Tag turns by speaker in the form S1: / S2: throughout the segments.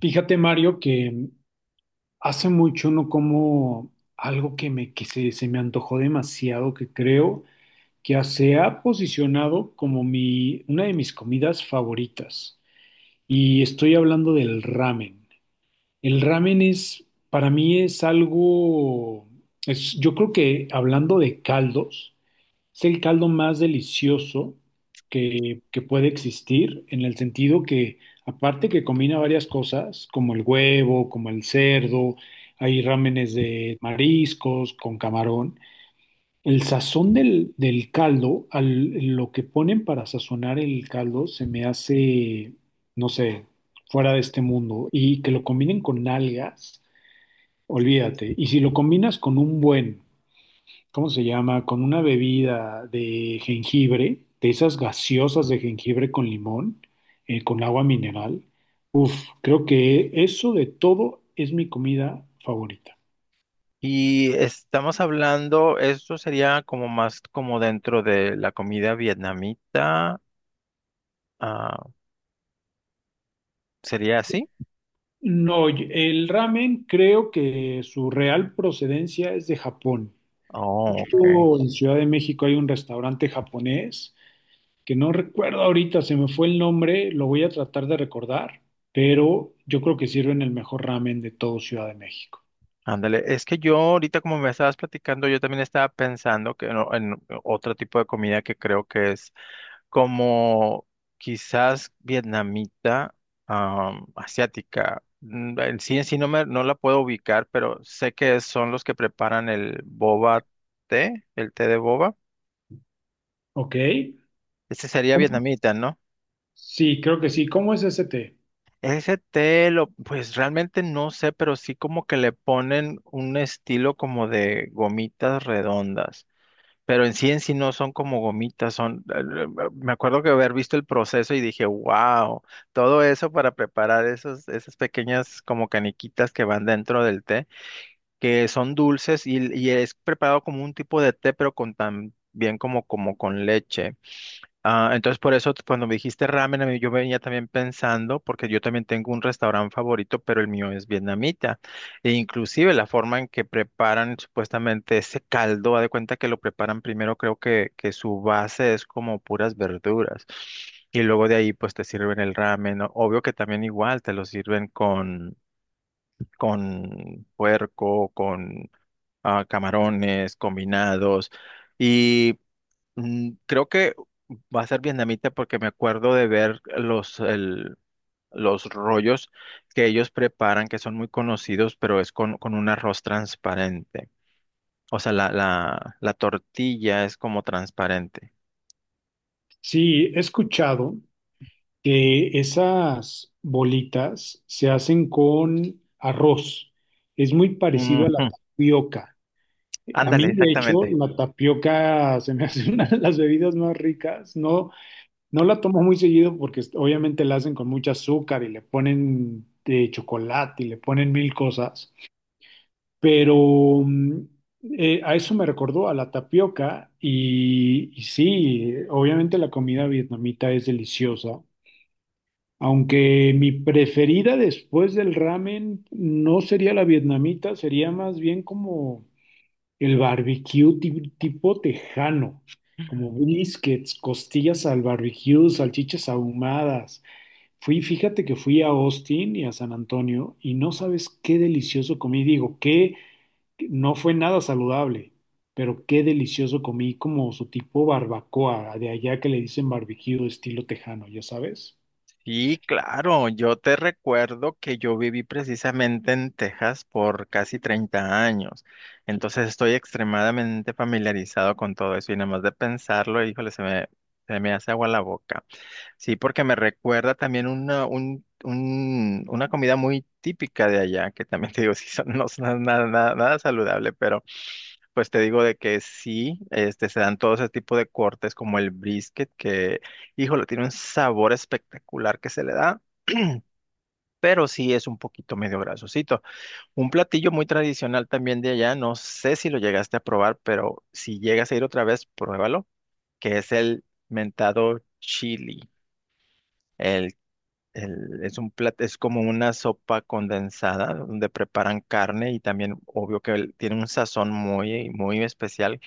S1: Fíjate, Mario, que hace mucho no como algo que se me antojó demasiado, que creo que ya se ha posicionado como una de mis comidas favoritas. Y estoy hablando del ramen. El ramen es, para mí es algo, es, yo creo que hablando de caldos. Es el caldo más delicioso que puede existir, en el sentido que, aparte que combina varias cosas, como el huevo, como el cerdo, hay rámenes de mariscos con camarón. El sazón del caldo, lo que ponen para sazonar el caldo, se me hace, no sé, fuera de este mundo. Y que lo combinen con algas, olvídate. Y si lo combinas con un buen, ¿cómo se llama? Con una bebida de jengibre, de esas gaseosas de jengibre con limón, con agua mineral. Uf, creo que eso de todo es mi comida favorita.
S2: Y estamos hablando, esto sería como más como dentro de la comida vietnamita, ah, ¿sería así?
S1: No, oye, el ramen creo que su real procedencia es de Japón.
S2: Oh, ok.
S1: Justo en Ciudad de México hay un restaurante japonés que no recuerdo ahorita, se me fue el nombre, lo voy a tratar de recordar, pero yo creo que sirven el mejor ramen de todo Ciudad de México.
S2: Ándale, es que yo ahorita como me estabas platicando, yo también estaba pensando que no- en otro tipo de comida que creo que es como quizás vietnamita, asiática. En sí no la puedo ubicar, pero sé que son los que preparan el boba té, el té de boba.
S1: ¿Ok?
S2: Ese sería vietnamita, ¿no?
S1: Sí, creo que sí. ¿Cómo es ese té?
S2: Ese té, pues realmente no sé, pero sí como que le ponen un estilo como de gomitas redondas. Pero en sí no son como gomitas, son, me acuerdo que haber visto el proceso y dije, wow, todo eso para preparar esas pequeñas como caniquitas que van dentro del té, que son dulces y es preparado como un tipo de té, pero con también como con leche. Ah, entonces por eso cuando me dijiste ramen, yo venía también pensando, porque yo también tengo un restaurante favorito, pero el mío es vietnamita. E inclusive la forma en que preparan supuestamente ese caldo, haz de cuenta que lo preparan primero, creo que su base es como puras verduras. Y luego de ahí pues te sirven el ramen, ¿no? Obvio que también igual te lo sirven con puerco, con camarones combinados. Y Creo que va a ser vietnamita porque me acuerdo de ver los rollos que ellos preparan, que son muy conocidos, pero es con un arroz transparente. O sea, la tortilla es como transparente.
S1: Sí, he escuchado que esas bolitas se hacen con arroz. Es muy
S2: Ujú.
S1: parecido a la tapioca. A mí,
S2: Ándale,
S1: de hecho,
S2: exactamente.
S1: la tapioca se me hace una de las bebidas más ricas. No, no la tomo muy seguido porque obviamente la hacen con mucho azúcar y le ponen de chocolate y le ponen mil cosas. Pero a eso me recordó a la tapioca y sí, obviamente la comida vietnamita es deliciosa, aunque mi preferida después del ramen no sería la vietnamita, sería más bien como el barbecue tipo tejano, como briskets, costillas al barbecue, salchichas ahumadas. Fíjate que fui a Austin y a San Antonio y no sabes qué delicioso comí, digo, qué no fue nada saludable, pero qué delicioso comí como su tipo barbacoa, de allá que le dicen barbecue estilo tejano, ya sabes.
S2: Sí, claro, yo te recuerdo que yo viví precisamente en Texas por casi 30 años, entonces estoy extremadamente familiarizado con todo eso y nada más de pensarlo, híjole, se me hace agua la boca. Sí, porque me recuerda también una comida muy típica de allá, que también te digo, sí, no es nada, nada saludable, pero pues te digo de que sí, este, se dan todo ese tipo de cortes como el brisket, que, híjole, tiene un sabor espectacular que se le da, pero sí es un poquito medio grasosito. Un platillo muy tradicional también de allá, no sé si lo llegaste a probar, pero si llegas a ir otra vez, pruébalo, que es el mentado chili. El, es como una sopa condensada donde preparan carne y también obvio que tiene un sazón muy, muy especial,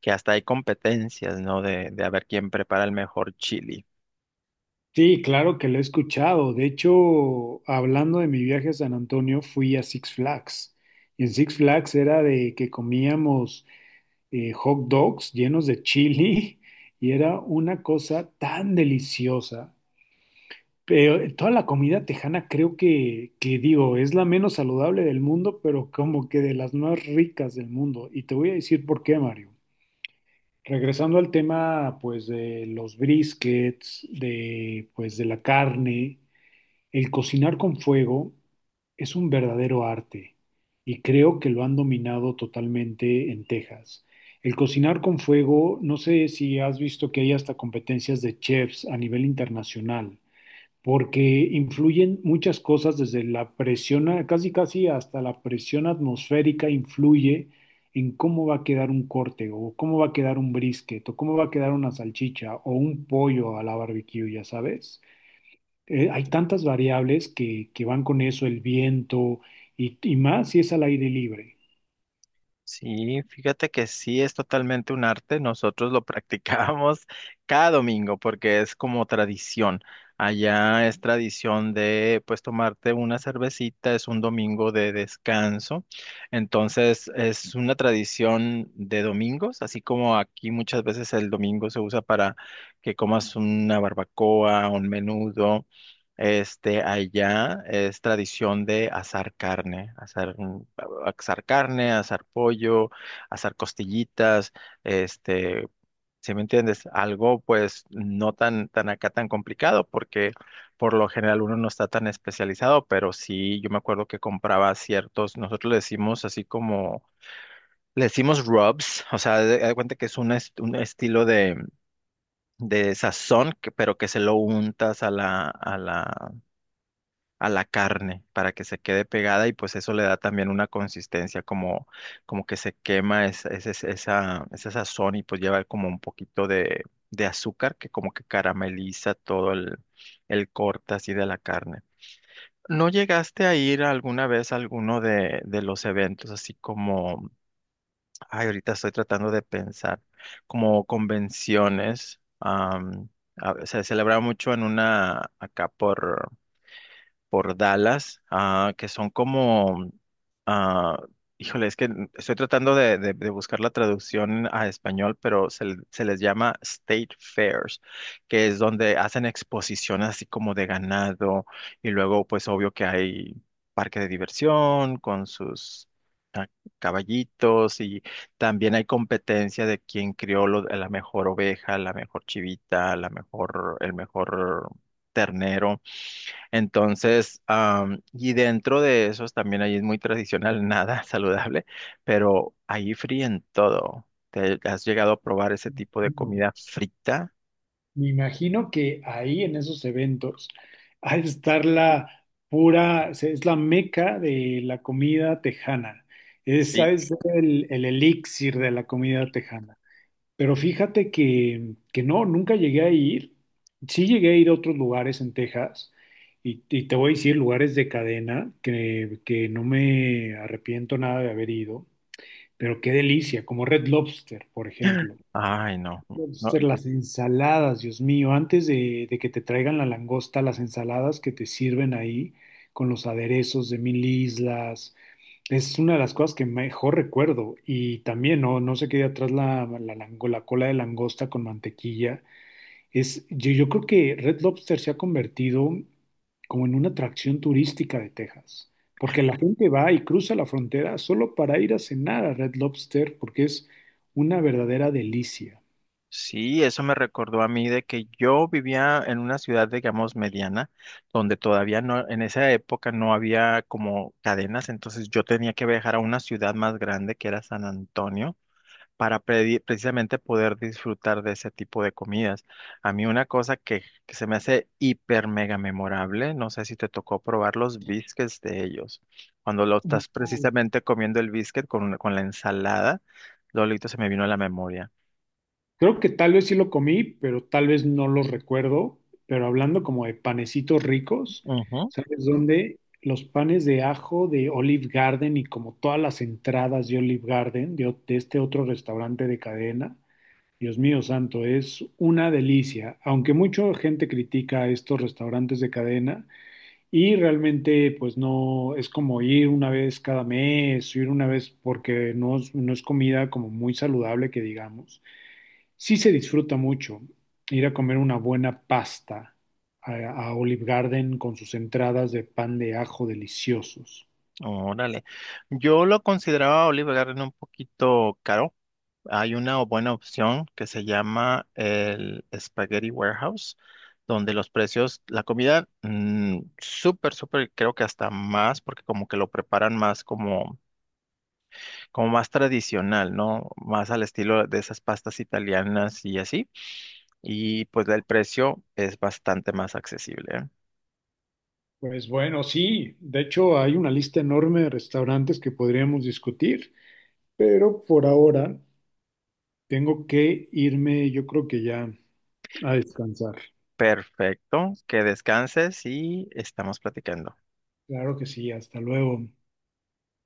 S2: que hasta hay competencias, ¿no? De a ver quién prepara el mejor chili.
S1: Sí, claro que lo he escuchado. De hecho, hablando de mi viaje a San Antonio, fui a Six Flags. Y en Six Flags era de que comíamos hot dogs llenos de chili y era una cosa tan deliciosa. Pero toda la comida tejana creo que digo, es la menos saludable del mundo, pero como que de las más ricas del mundo. Y te voy a decir por qué, Mario. Regresando al tema, pues, de los briskets, de, pues, de la carne, el cocinar con fuego es un verdadero arte y creo que lo han dominado totalmente en Texas. El cocinar con fuego, no sé si has visto que hay hasta competencias de chefs a nivel internacional porque influyen muchas cosas desde la presión, casi casi hasta la presión atmosférica influye en cómo va a quedar un corte o cómo va a quedar un brisket o cómo va a quedar una salchicha o un pollo a la barbecue, ya sabes. Hay tantas variables que van con eso, el viento y más si es al aire libre.
S2: Sí, fíjate que sí es totalmente un arte. Nosotros lo practicamos cada domingo porque es como tradición. Allá es tradición de pues tomarte una cervecita, es un domingo de descanso. Entonces es una tradición de domingos, así como aquí muchas veces el domingo se usa para que comas una barbacoa, un menudo. Este, allá es tradición de asar carne, asar carne, asar pollo, asar costillitas, este, si me entiendes, algo pues no tan, tan acá tan complicado, porque por lo general uno no está tan especializado, pero sí, yo me acuerdo que compraba ciertos, nosotros le decimos así como, le decimos rubs, o sea, de, haz de cuenta que es un estilo de sazón, pero que se lo untas a a la carne para que se quede pegada y pues eso le da también una consistencia como, como que se quema esa sazón y pues lleva como un poquito de azúcar que como que carameliza todo el corte así de la carne. ¿No llegaste a ir alguna vez a alguno de los eventos así como, ay, ahorita estoy tratando de pensar, como convenciones? Se celebraba mucho en una, por Dallas, que son como, ah, híjole, es que estoy tratando de buscar la traducción a español, pero se les llama State Fairs, que es donde hacen exposiciones así como de ganado y luego pues obvio que hay parque de diversión con sus... ah, caballitos y también hay competencia de quién crió la mejor oveja, la mejor chivita, el mejor ternero. Entonces, y dentro de esos también ahí es muy tradicional, nada saludable, pero ahí fríen todo. ¿Te has llegado a probar ese tipo de comida frita?
S1: Me imagino que ahí en esos eventos al estar la pura, o sea, es la meca de la comida tejana. Esa
S2: Sí.
S1: es el elixir de la comida tejana. Pero fíjate que no, nunca llegué a ir. Sí llegué a ir a otros lugares en Texas y te voy a decir lugares de cadena que no me arrepiento nada de haber ido, pero qué delicia, como Red Lobster, por ejemplo.
S2: Ay, no.
S1: Lobster,
S2: No,
S1: las ensaladas, Dios mío, antes de que te traigan la langosta, las ensaladas que te sirven ahí con los aderezos de mil islas, es una de las cosas que mejor recuerdo. Y también, no, no se quede atrás la cola de langosta con mantequilla. Yo creo que Red Lobster se ha convertido como en una atracción turística de Texas, porque la gente va y cruza la frontera solo para ir a cenar a Red Lobster, porque es una verdadera delicia.
S2: sí, eso me recordó a mí de que yo vivía en una ciudad, digamos, mediana, donde todavía no, en esa época no había como cadenas, entonces yo tenía que viajar a una ciudad más grande que era San Antonio para precisamente poder disfrutar de ese tipo de comidas. A mí una cosa que se me hace hiper mega memorable, no sé si te tocó probar los biscuits de ellos. Cuando lo estás
S1: No.
S2: precisamente comiendo el biscuit con la ensalada, Lolito se me vino a la memoria.
S1: Creo que tal vez sí lo comí, pero tal vez no lo recuerdo. Pero hablando como de panecitos ricos,
S2: Ujú.
S1: ¿sabes dónde? Los panes de ajo de Olive Garden y como todas las entradas de Olive Garden, de este otro restaurante de cadena. Dios mío santo, es una delicia. Aunque mucha gente critica estos restaurantes de cadena y realmente pues no es como ir una vez cada mes, ir una vez porque no es comida como muy saludable que digamos. Sí se disfruta mucho ir a comer una buena pasta a, a Olive Garden con sus entradas de pan de ajo deliciosos.
S2: Órale. Yo lo consideraba Oliver Garden un poquito caro. Hay una buena opción que se llama el Spaghetti Warehouse, donde los precios, la comida, mm, súper, súper, creo que hasta más, porque como que lo preparan más como, como más tradicional, ¿no? Más al estilo de esas pastas italianas y así. Y pues el precio es bastante más accesible, ¿eh?
S1: Pues bueno, sí, de hecho hay una lista enorme de restaurantes que podríamos discutir, pero por ahora tengo que irme, yo creo que ya a descansar.
S2: Perfecto, que descanses y estamos platicando.
S1: Claro que sí, hasta luego.